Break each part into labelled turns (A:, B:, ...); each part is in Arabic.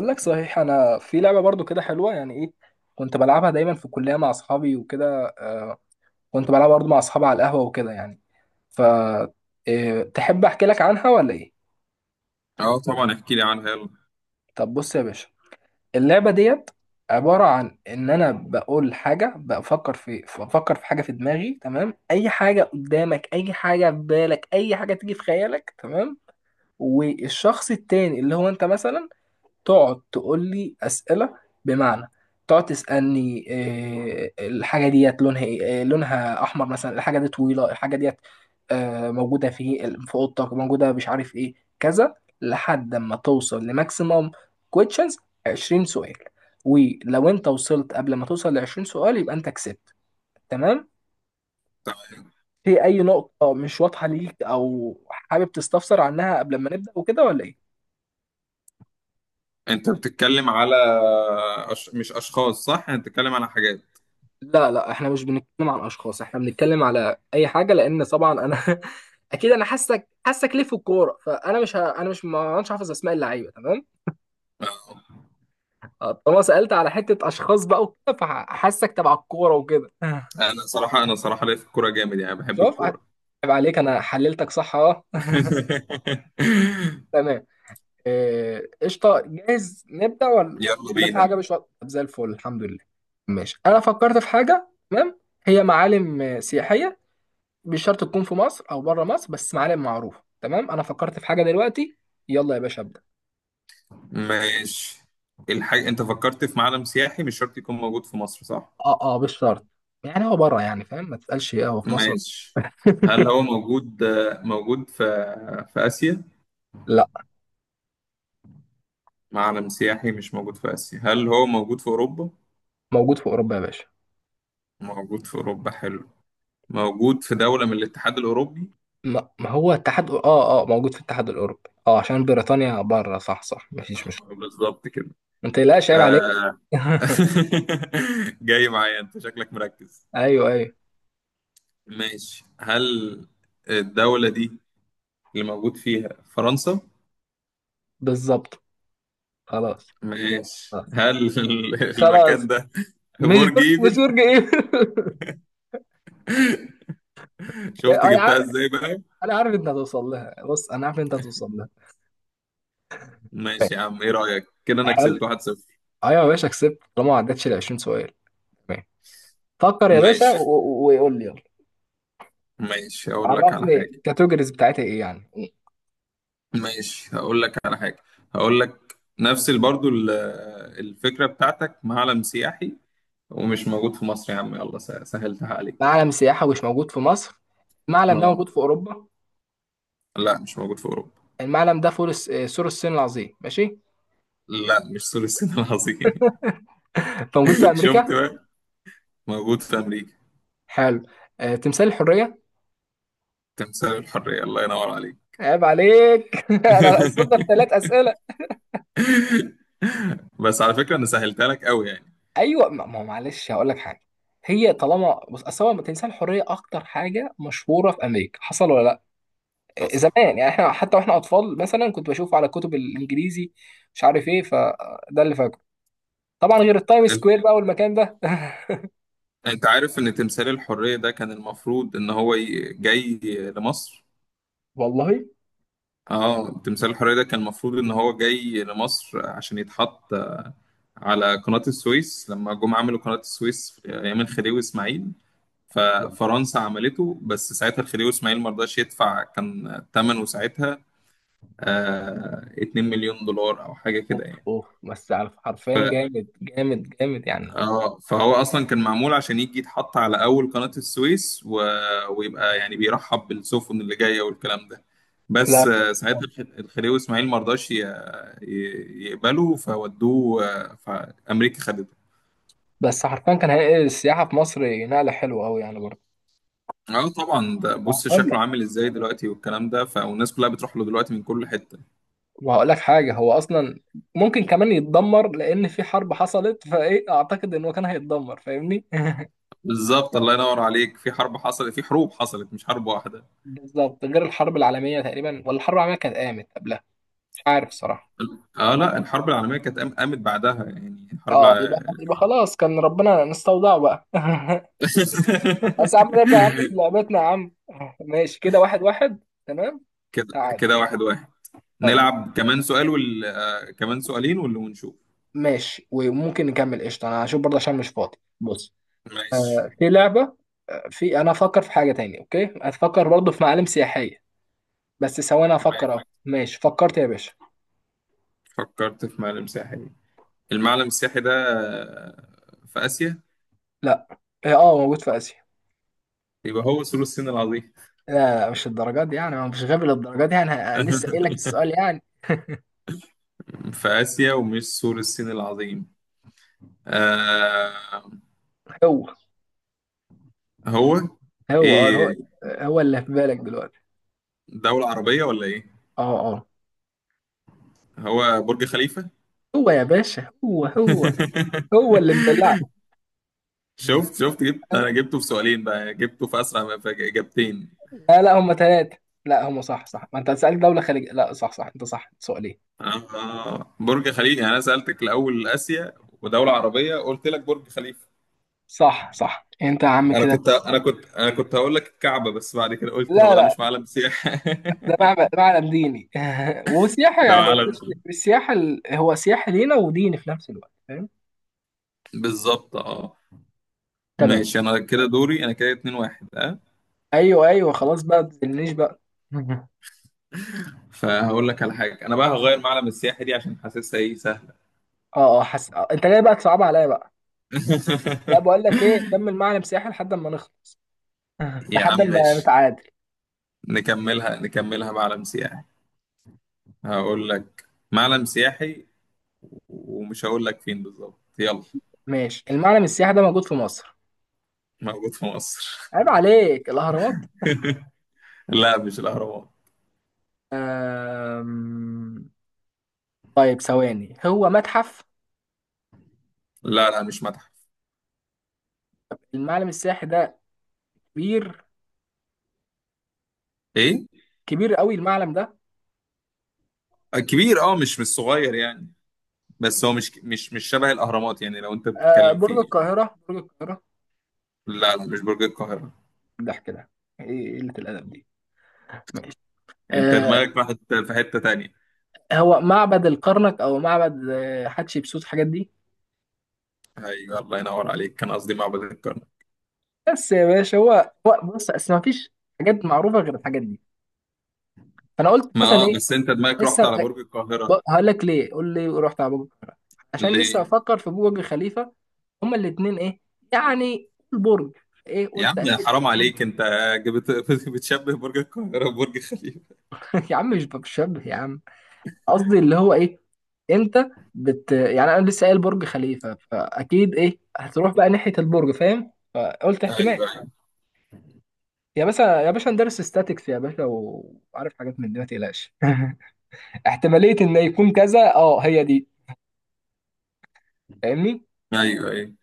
A: اقول لك صحيح. انا في لعبه برضو كده حلوه، يعني ايه؟ كنت بلعبها دايما في الكليه مع اصحابي وكده. آه، كنت بلعبها برضو مع اصحابي على القهوه وكده يعني. ف تحب احكي لك عنها ولا ايه؟
B: اه، طبعا احكي لي عنها. يلا،
A: طب بص يا باشا، اللعبه ديت عباره عن ان انا بقول حاجه، بفكر في حاجه في دماغي، تمام؟ اي حاجه قدامك، اي حاجه في بالك، اي حاجه تيجي في خيالك، تمام. والشخص التاني اللي هو انت مثلا تقعد تقول لي اسئله. بمعنى تقعد تسالني الحاجه ديت لونها ايه، لونها احمر مثلا، الحاجه دي طويله، الحاجه ديت موجوده في اوضتك، موجوده مش عارف ايه، كذا، لحد ما توصل لماكسيموم كويشنز، 20 سؤال. ولو انت وصلت قبل ما توصل ل 20 سؤال، يبقى انت كسبت، تمام؟ في اي نقطه مش واضحه ليك او حابب تستفسر عنها قبل ما نبدا وكده ولا ايه؟
B: انت بتتكلم على مش اشخاص، صح؟ انت بتتكلم على حاجات.
A: لا، احنا مش بنتكلم عن اشخاص، احنا بنتكلم على اي حاجه، لان طبعا انا اكيد انا حاسك ليه في الكوره، فانا مش ه... انا مش ما مش حافظ اسماء اللعيبه، تمام.
B: آه.
A: آه، طالما سالت على حته اشخاص بقى وكده، فحاسك تبع الكوره وكده.
B: انا صراحه ليا في الكوره جامد، يعني بحب
A: شوف ع-
B: الكوره.
A: عيب عليك، انا حللتك صح، اه. تمام. قشطه، جاهز نبدا ولا
B: يلا
A: ولا في
B: بينا.
A: حاجه مش واضحة؟ طب زي الفل، الحمد لله. ماشي، انا فكرت في حاجه، تمام؟ هي معالم سياحيه، مش شرط تكون في مصر او بره مصر، بس معالم معروفه. تمام، انا فكرت في حاجه دلوقتي، يلا يا باشا ابدا.
B: ماشي، الحاجه انت فكرت في معلم سياحي، مش شرط يكون موجود في مصر، صح؟
A: اه اه، مش شرط. يعني هو بره يعني، فاهم؟ ما تسالش ايه هو في مصر.
B: ماشي، هل هو موجود؟ موجود في اسيا؟
A: لا.
B: معلم سياحي مش موجود في اسيا. هل هو موجود في اوروبا؟
A: موجود في اوروبا يا باشا.
B: موجود في اوروبا، حلو. موجود في دوله من الاتحاد الاوروبي؟
A: ما هو الاتحاد، اه اه، موجود في الاتحاد الاوروبي، اه، عشان بريطانيا بره، صح صح، مفيش مشكله.
B: بالظبط كده.
A: ما تقلقش، عيب عليك.
B: آه. جاي معايا، انت شكلك مركز.
A: ايوه ايوه.
B: ماشي، هل الدولة دي اللي موجود فيها فرنسا؟
A: بالظبط. خلاص.
B: ماشي،
A: خلاص.
B: هل المكان
A: خلاص.
B: ده برج
A: مش
B: ايفل؟
A: برج ايه.
B: شفت
A: انا
B: جبتها
A: عارف.
B: ازاي بقى.
A: انا عارف انت هتوصل لها، بص انا عارف انت هتوصل لها.
B: ماشي يا عم، ايه رأيك كده، انا
A: حلو.
B: كسبت 1-0.
A: ايوه يا باشا كسبت، طالما ما عدتش ال 20 سؤال، تمام. فكر يا باشا
B: ماشي.
A: وقول لي، يلا.
B: ماشي، اقول لك على
A: عرفني
B: حاجة.
A: الكاتيجوريز بتاعتها ايه يعني.
B: ماشي، هقول لك على حاجة. هقول لك نفس الفكرة بتاعتك، معلم سياحي ومش موجود في مصر يا عم. يلا، سهلتها عليك.
A: معلم سياحة مش موجود في مصر. المعلم ده
B: اه.
A: موجود في اوروبا.
B: لا، مش موجود في اوروبا.
A: المعلم ده فول الس- آه، سور الصين العظيم، ماشي.
B: لا، مش سور الصين العظيم.
A: فموجود في
B: شفت
A: امريكا.
B: بقى، موجود في امريكا.
A: حلو. آه، تمثال الحرية.
B: تمثال الحريه، الله ينور عليك.
A: عيب عليك. انا اصلت في ثلاث اسئلة.
B: بس على فكره انا سهلتها لك قوي يعني.
A: ايوه، ما هو معلش هقول لك حاجة. هي طالما، بص، اصل هو تمثال الحرية اكتر حاجة مشهورة في امريكا، حصل ولا لا؟
B: حصل.
A: زمان يعني، احنا حتى واحنا اطفال مثلا كنت بشوفه على كتب الانجليزي، مش عارف ايه، فده اللي فاكره. طبعا غير التايم
B: انت
A: سكوير بقى والمكان ده.
B: أنت عارف ان تمثال الحريه ده كان المفروض ان هو جاي لمصر.
A: والله.
B: اه، تمثال الحريه ده كان المفروض ان هو جاي لمصر عشان يتحط على قناه السويس، لما جم عملوا قناه السويس في ايام الخديوي اسماعيل.
A: والله.
B: ففرنسا عملته، بس ساعتها الخديوي اسماعيل ما رضاش يدفع. كان ثمنه ساعتها 2 مليون دولار او حاجه كده
A: اوف
B: يعني.
A: اوف، بس على حرفيا
B: ف
A: جامد جامد جامد يعني.
B: اه فهو اصلا كان معمول عشان يجي يتحط على اول قناه السويس ويبقى يعني بيرحب بالسفن اللي جايه والكلام ده.
A: لا،
B: بس ساعتها الخديوي اسماعيل ما رضاش يقبله. فودوه، فامريكا خدته.
A: بس حرفيا كان هينقل السياحة في مصر نقلة حلوة أوي يعني برضه.
B: اه طبعا، ده بص
A: وهقول لك،
B: شكله عامل ازاي دلوقتي والكلام ده، فالناس كلها بتروح له دلوقتي من كل حته.
A: وهقول لك حاجة. هو أصلا ممكن كمان يتدمر، لأن في حرب حصلت، فإيه، أعتقد إن هو كان هيتدمر فاهمني.
B: بالظبط، الله ينور عليك. في حرب حصلت، في حروب حصلت، مش حرب واحدة.
A: بالظبط، غير الحرب العالمية تقريبا، ولا الحرب العالمية كانت قامت قبلها؟ مش عارف الصراحة.
B: اه، لا، الحرب العالمية كانت قامت بعدها. يعني الحرب
A: اه، يبقى خلاص، كان ربنا نستودعه بقى. بس يا عم نرجع يا عم لعبتنا يا عم. ماشي، كده واحد واحد، تمام.
B: كده
A: تعال.
B: كده واحد واحد.
A: يلا.
B: نلعب كمان سؤال وال... آه، كمان سؤالين ولا ونشوف.
A: ماشي، وممكن نكمل، قشطة. انا هشوف برضه عشان مش فاضي، بص.
B: ماشي.
A: في لعبة، انا افكر في حاجة تاني، اوكي؟ هتفكر برضه في معالم سياحية. بس ثواني افكر،
B: ماشي،
A: اهو، ماشي فكرت يا باشا.
B: فكرت في معلم ساحلي؟ المعلم السياحي ده في آسيا؟
A: لا. اه، موجود في اسيا.
B: يبقى هو سور الصين العظيم.
A: لا لا، مش الدرجات دي يعني، هو مش غبي للدرجات دي يعني، أنا لسه قايل لك السؤال يعني.
B: في آسيا ومش سور الصين العظيم. آه...
A: هو
B: هو
A: هو.
B: ايه،
A: هو اللي في بالك دلوقتي.
B: دولة عربية ولا ايه؟
A: اه اه.
B: هو برج خليفة.
A: هو يا باشا، هو. هو اللي مدلعك.
B: شفت جبت،
A: آه،
B: انا جبته في سؤالين بقى، جبته في اسرع في اجابتين.
A: لا لا، هم ثلاثة. لا، هم صح صح، ما انت هتسألك دولة خليجية، لا صح صح، انت صح، سؤالين.
B: برج خليفة. يعني انا سألتك الاول اسيا ودولة عربية، قلت لك برج خليفة.
A: صح صح، انت يا عم
B: انا
A: كده.
B: كنت انا كنت انا كنت هقول لك الكعبة، بس بعد كده قلت
A: لا
B: هو ده
A: لا
B: مش معلم سياحة.
A: ده معبد، معلم ديني. وسياحة
B: ده
A: يعني،
B: معلم،
A: هو سياحة لينا وديني في نفس الوقت، فاهم.
B: بالظبط اه.
A: تمام.
B: ماشي، انا كده دوري. انا كده 2-1، اه.
A: ايوه ايوه، خلاص بقى، ما تزنيش بقى. مهم.
B: فهقول لك على حاجة. انا بقى هغير معلم السياحة دي عشان حاسسها ايه سهلة.
A: اه اه، آه، انت جاي بقى تصعب عليا بقى. لا، بقول لك ايه، كمل معلم سياحي لحد ما نخلص.
B: يا عم
A: لحد ما
B: ماشي،
A: نتعادل.
B: نكملها نكملها معلم سياحي. هقول لك، معلم سياحي ومش هقول لك فين بالظبط، يلا.
A: ماشي، المعلم السياحي ده موجود في مصر.
B: موجود في مصر.
A: عيب عليك، الأهرامات.
B: لا، مش الاهرامات.
A: أم... طيب ثواني، هو متحف؟
B: لا، لا، مش متحف.
A: المعلم السياحي ده كبير،
B: ايه؟
A: كبير قوي المعلم ده.
B: كبير. اه، مش صغير يعني. بس هو مش شبه الاهرامات، يعني لو انت
A: أه،
B: بتتكلم فيه.
A: برج القاهرة.
B: لا، لا، مش برج القاهره.
A: ده كده، ايه قلة الأدب دي؟ ماشي.
B: انت
A: أه،
B: دماغك راحت في حته تانية.
A: هو معبد الكرنك، أو معبد حتشبسوت، الحاجات دي.
B: ايوه، الله ينور عليك، كان قصدي معبد الكرنك.
A: بس يا باشا، هو، هو بص أصل ما فيش حاجات معروفة غير الحاجات دي، فأنا قلت
B: ما
A: مثلا
B: آه،
A: إيه.
B: بس انت دماغك رحت
A: لسه
B: على برج القاهره،
A: هقول لك ليه قول لي رحت على برج القاهرة، عشان
B: ليه؟
A: لسه بفكر في برج خليفة. هما الاثنين ايه يعني، البرج ايه،
B: يا
A: قلت
B: عم
A: اكيد.
B: حرام عليك، انت جبت بتشبه برج القاهرة ببرج خليفة.
A: يا عم مش بشبه يا عم، قصدي اللي هو ايه، انت يعني انا لسه قايل برج خليفه، فاكيد ايه هتروح بقى ناحيه البرج، فاهم؟ فقلت
B: ايوه،
A: احتمال.
B: ايوه،
A: يا باشا يا باشا، ندرس ستاتكس يا باشا وعارف حاجات من دي، ما تقلقش. احتماليه ان يكون كذا، اه هي دي، فاهمني.
B: ايوه، ايوه.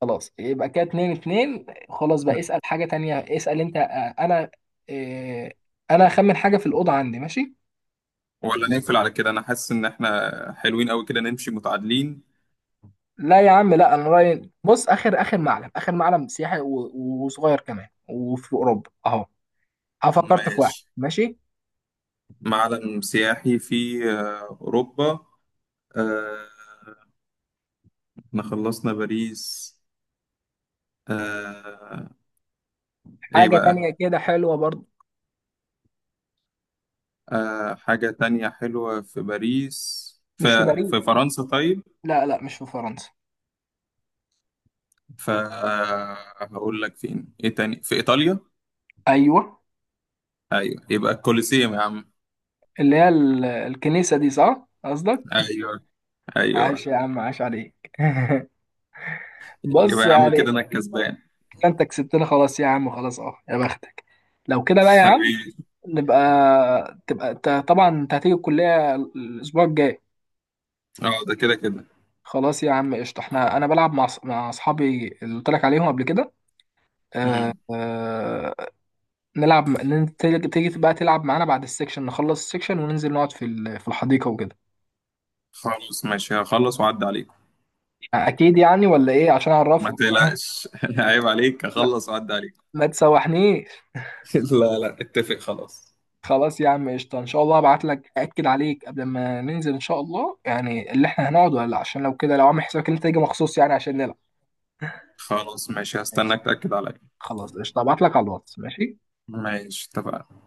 A: خلاص، يبقى كده اتنين اتنين، خلاص بقى اسال حاجه تانية، اسال انت. آه، انا هخمن حاجه في الاوضه عندي، ماشي.
B: ولا نقفل على كده، انا حاسس ان احنا حلوين قوي كده، نمشي متعادلين.
A: لا يا عم، لا، انا رايي بص، اخر معلم سياحي وصغير كمان، وفي اوروبا اهو. أنا فكرت في واحد،
B: ماشي،
A: ماشي.
B: معلم سياحي في اوروبا. آه، احنا خلصنا باريس. آه، ايه
A: حاجه
B: بقى؟
A: تانية كده حلوه برضو.
B: حاجة تانية حلوة في باريس؟ في
A: مش في باريس.
B: في فرنسا طيب؟
A: لا لا، مش في فرنسا.
B: فهقول لك فين، ايه تاني، في ايطاليا؟
A: ايوه.
B: ايوه، يبقى الكوليسيوم يا عم.
A: اللي هي الكنيسه دي، صح قصدك؟
B: ايوه،
A: عاش
B: ايوه،
A: يا عم، عاش عليك.
B: يبقى
A: بص
B: يا عم
A: يعني،
B: كده انا الكسبان.
A: كده انت كسبتنا، خلاص يا عم، خلاص، اه يا بختك. لو كده بقى يا عم،
B: حبيبي.
A: نبقى، طبعا انت هتيجي الكليه الاسبوع الجاي.
B: اه، ده كده كده.
A: خلاص يا عم قشطة، احنا انا بلعب مع مع اصحابي اللي قلت لك عليهم قبل كده. آه
B: مم.
A: آه. نلعب، تيجي بقى تلعب معانا بعد السكشن، نخلص السكشن وننزل نقعد في في الحديقة وكده.
B: خلاص ماشي، هخلص واعدي عليك.
A: آه، اكيد يعني، ولا ايه؟ عشان
B: ما
A: اعرف.
B: تقلقش. عيب عليك،
A: ما,
B: هخلص واعدي عليك.
A: ما تسوحنيش.
B: لا، لا، اتفق خلاص.
A: خلاص يا عم قشطة، ان شاء الله ابعت لك اكد عليك قبل ما ننزل ان شاء الله، يعني اللي احنا هنقعد ولا لا، عشان لو كده لو عامل حسابك ان انت تيجي مخصوص يعني عشان نلعب.
B: خلاص ماشي،
A: ماشي،
B: هستناك تأكد عليا.
A: خلاص قشطة، ابعت لك على الواتس، ماشي.
B: ماشي، اتفقنا.